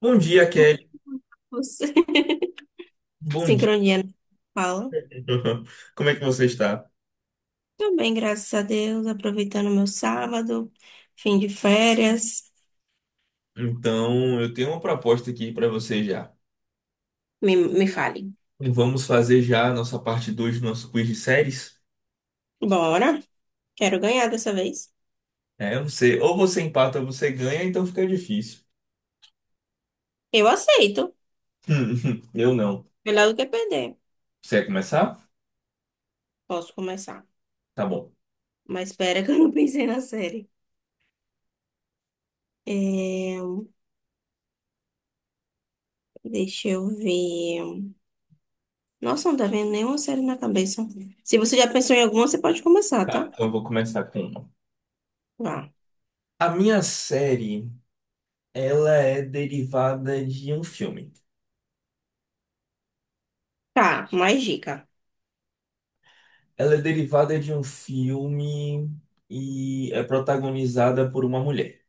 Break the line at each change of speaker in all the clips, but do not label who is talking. Bom dia, Kelly.
Você-
Bom dia.
Sincronia na fala.
Como é que você está?
Também, graças a Deus, aproveitando meu sábado, fim de férias.
Então, eu tenho uma proposta aqui para você já.
Me fale.
Vamos fazer já a nossa parte 2 do nosso quiz de séries?
Bora. Quero ganhar dessa vez.
É, ou você empata ou você ganha, então fica difícil.
Eu aceito.
Eu não.
Melhor do que perder.
Você quer começar?
Posso começar.
Tá bom.
Mas espera que eu não pensei na série. É, deixa eu ver. Nossa, não tá vendo nenhuma série na cabeça. Se você já pensou em alguma, você pode começar,
Tá,
tá?
então eu vou começar com uma.
Vá.
A minha série, ela é derivada de um filme.
Tá, mais dica.
Ela é derivada de um filme e é protagonizada por uma mulher.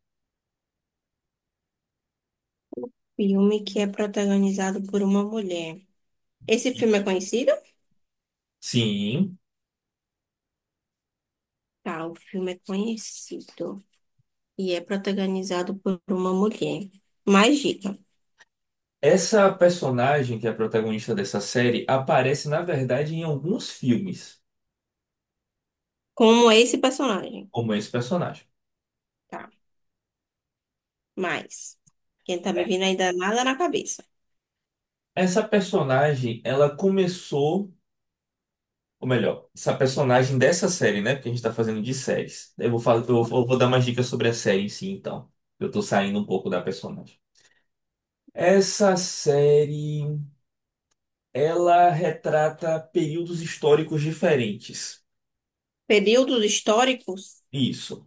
Filme que é protagonizado por uma mulher. Esse filme é conhecido?
Sim.
Tá, o filme é conhecido e é protagonizado por uma mulher. Mais dica.
Essa personagem, que é a protagonista dessa série, aparece, na verdade, em alguns filmes,
Como é esse personagem?
como esse personagem.
Tá, mais. Quem tá me
É.
vindo ainda nada na cabeça.
Essa personagem, ela começou, ou melhor, essa personagem dessa série, né? Porque a gente tá fazendo de séries. Eu vou, fa- eu vou dar mais dicas sobre a série em si, então. Eu tô saindo um pouco da personagem. Essa série, ela retrata períodos históricos diferentes.
Períodos históricos?
Isso.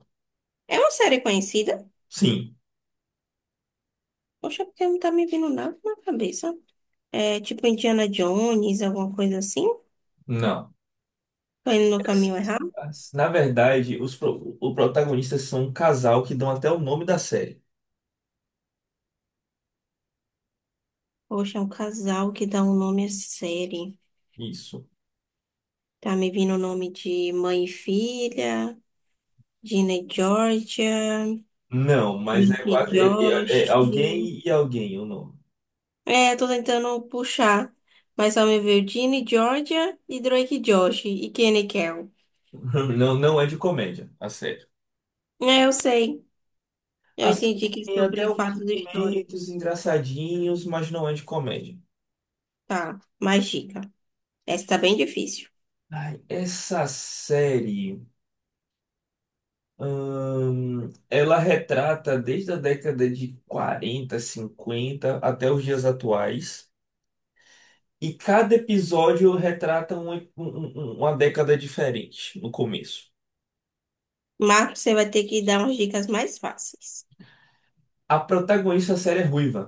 É uma série conhecida?
Sim.
Poxa, porque não tá me vindo nada na cabeça. É tipo Indiana Jones, alguma coisa assim?
Não.
Tô indo no caminho errado?
Na verdade, o protagonistas são um casal que dão até o nome da série.
Poxa, é um casal que dá um nome à série.
Isso.
Tá me vindo o nome de mãe e filha, Gina e Georgia.
Não, mas é
Drake
quase é, é- é
Josh.
alguém e alguém o nome.
É, tô tentando puxar. Mas só me veio Ginny, Georgia e Drake Josh e Kenny Kel.
Não, não é de comédia, a série.
É, eu sei.
A
Eu entendi
série
que é
tem até
sobre
alguns
fatos
momentos
históricos.
engraçadinhos, mas não é de comédia.
Tá, mais dica. Essa tá bem difícil.
Ai, essa série, ela retrata desde a década de 40, 50 até os dias atuais. E cada episódio retrata uma década diferente no começo.
Marcos, você vai ter que dar umas dicas mais fáceis.
A protagonista da série é ruiva.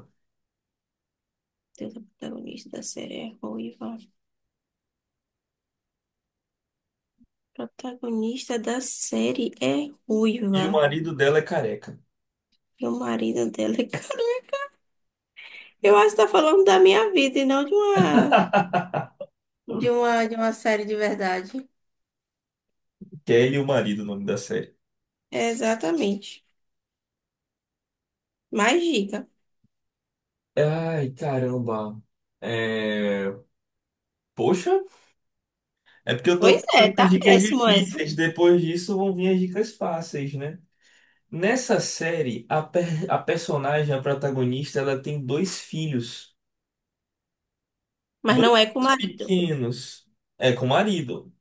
Deus, a protagonista da série é ruiva. Protagonista da série é
E o
ruiva.
marido dela é careca.
E o marido dela é careca. Eu acho que tá falando da minha vida e não de uma. De uma série de verdade.
Kelly, o marido, o nome da série.
Exatamente. Mais dica.
Ai, caramba. É... Poxa, é porque eu tô
Pois é,
pensando
tá
nas dicas
péssimo essa.
difíceis. Depois disso vão vir as dicas fáceis, né? Nessa série, a personagem, a protagonista, ela tem dois filhos.
Mas
Dois
não é com o
filhos
marido.
pequenos. É, com o marido.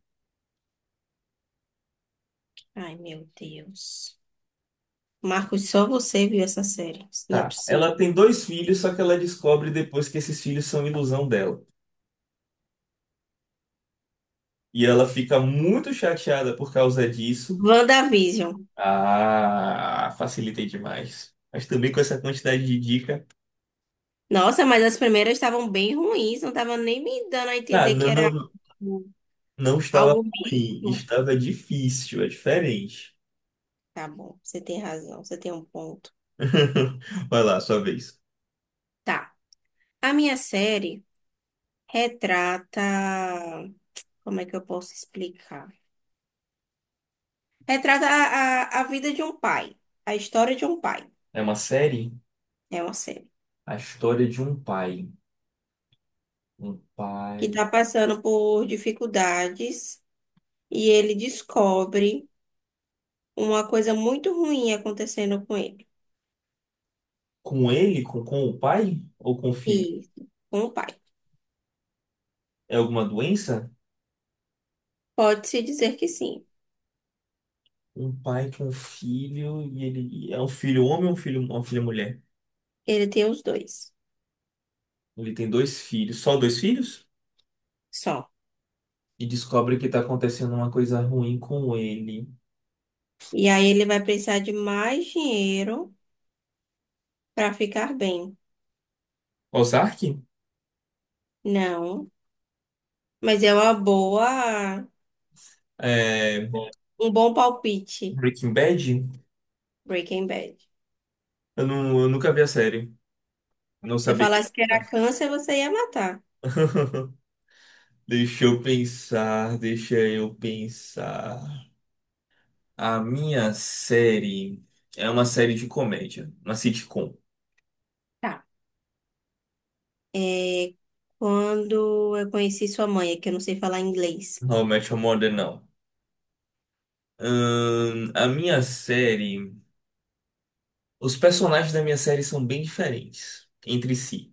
Ai, meu Deus. Marcos, só você viu essa série. Isso não é
Tá.
possível.
Ela tem dois filhos, só que ela descobre depois que esses filhos são ilusão dela. E ela fica muito chateada por causa disso.
WandaVision.
Ah, facilitei demais. Mas também com essa quantidade de dica.
Nossa, mas as primeiras estavam bem ruins. Não tava nem me dando a
Ah,
entender que
não,
era
não,
algo
não estava
algo
ruim,
místico.
estava difícil, é diferente.
Tá bom, você tem razão. Você tem um ponto.
Vai lá, sua vez.
Tá. A minha série retrata. Como é que eu posso explicar? Retrata a vida de um pai, a história de um pai.
É uma série?
É uma série
A história de um pai. Um
que
pai.
está passando por dificuldades e ele descobre uma coisa muito ruim acontecendo com ele.
Com ele? Com o pai? Ou com o
E
filho?
com o pai.
É alguma doença?
Pode-se dizer que sim,
Um pai com um filho e ele é um filho homem ou uma filha mulher?
ele tem os dois
Ele tem dois filhos, só dois filhos?
só.
E descobre que tá acontecendo uma coisa ruim com ele.
E aí ele vai precisar de mais dinheiro para ficar bem.
Ozark?
Não, mas é uma boa,
É,
um bom palpite,
Breaking Bad?
Breaking Bad.
Não, eu nunca vi a série. Não
Se eu
sabia que
falasse que
ele...
era câncer, você ia matar.
Deixa eu pensar, deixa eu pensar. A minha série é uma série de comédia, uma sitcom.
Tá. É, quando eu conheci sua mãe, é que eu não sei falar inglês.
How I Met Your Mother, não. A minha série. Os personagens da minha série são bem diferentes entre si,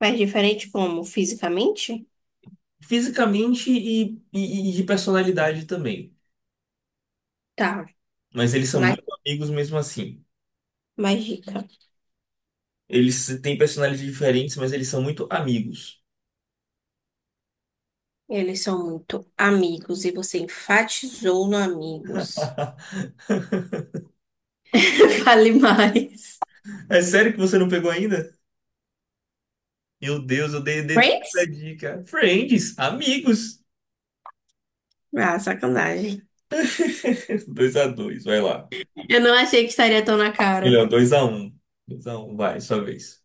Mas diferente como? Fisicamente?
fisicamente e de personalidade também.
Tá,
Mas eles são
mas,
muito amigos mesmo assim.
mas dica.
Eles têm personalidades diferentes, mas eles são muito amigos.
Eles são muito amigos e você enfatizou no amigos. Fale mais.
É sério que você não pegou ainda? Meu Deus, eu dei a
Friends?
dica. Friends, amigos.
Ah, sacanagem.
2-2, vai lá.
Eu não achei que estaria tão na cara.
Melhor, 2-1, 2-1, vai, sua vez.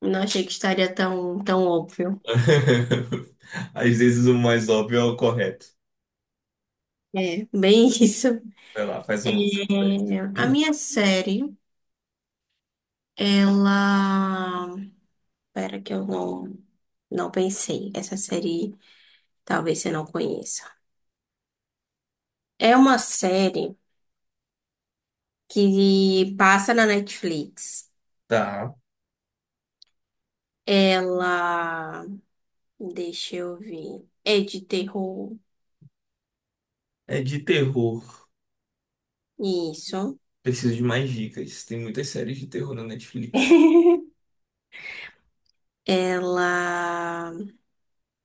Não achei que estaria tão, tão óbvio.
Às vezes o mais óbvio é o correto.
É, bem isso.
Vai lá, faz
É,
um.
a minha série, ela. Espera que eu não, não pensei. Essa série talvez você não conheça. É uma série que passa na Netflix.
Tá.
Ela. Deixa eu ver. É de terror.
É de terror.
Isso.
Preciso de mais dicas. Tem muitas séries de terror na Netflix.
Ela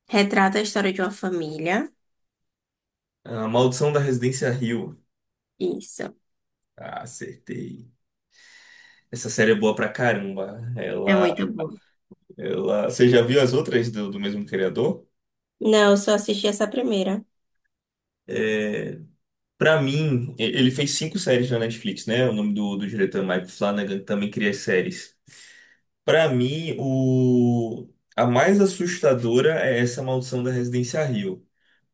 retrata a história de uma família.
A Maldição da Residência Hill.
Isso.
Ah, acertei. Essa série é boa pra caramba.
É muito bom.
Você já viu as outras do mesmo criador?
Não, eu só assisti essa primeira.
É... para mim, ele fez cinco séries na Netflix, né? O nome do diretor é Mike Flanagan, que também cria as séries. Pra mim, a mais assustadora é essa Maldição da Residência Hill.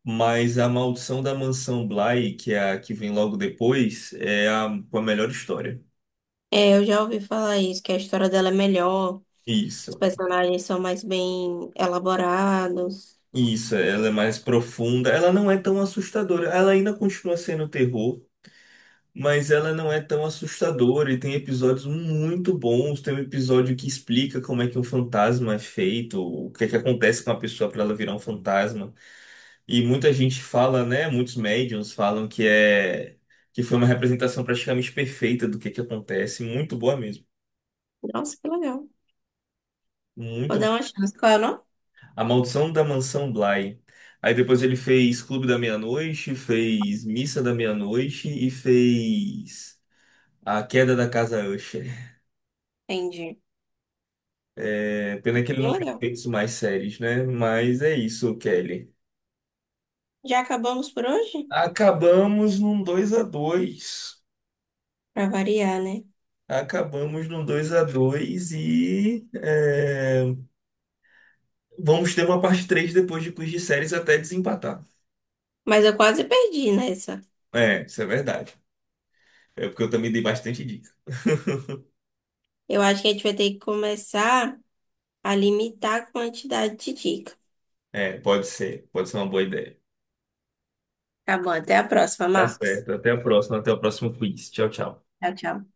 Mas a Maldição da Mansão Bly, que é a que vem logo depois, é a, com a melhor história.
É, eu já ouvi falar isso, que a história dela é melhor, os
Isso,
personagens são mais bem elaborados.
isso, ela é mais profunda. Ela não é tão assustadora. Ela ainda continua sendo terror, mas ela não é tão assustadora e tem episódios muito bons. Tem um episódio que explica como é que um fantasma é feito, o que é que acontece com a pessoa para ela virar um fantasma. E muita gente fala, né? Muitos médiums falam que é que foi uma representação praticamente perfeita do que é que acontece. Muito boa mesmo.
Nossa, que legal. Vou dar
Muito.
uma chance. Qual é o nome?
A Maldição da Mansão Bly. Aí depois ele fez Clube da Meia-Noite, fez Missa da Meia-Noite e fez A Queda da Casa Usher.
Entendi.
É, pena que ele não
Bem
tem
legal.
feito mais séries, né? Mas é isso, Kelly.
Já acabamos por hoje?
Acabamos num 2 a 2
Pra variar, né?
Acabamos num 2 a dois e vamos ter uma parte 3 depois de quiz de séries até desempatar.
Mas eu quase perdi nessa.
É, isso é verdade. É porque eu também dei bastante dica.
Eu acho que a gente vai ter que começar a limitar a quantidade de dica.
É, pode ser. Pode ser uma boa ideia.
Tá bom, até a próxima,
Tá
Marcos.
certo. Até a próxima. Até o próximo quiz. Tchau, tchau.
Tchau, tchau.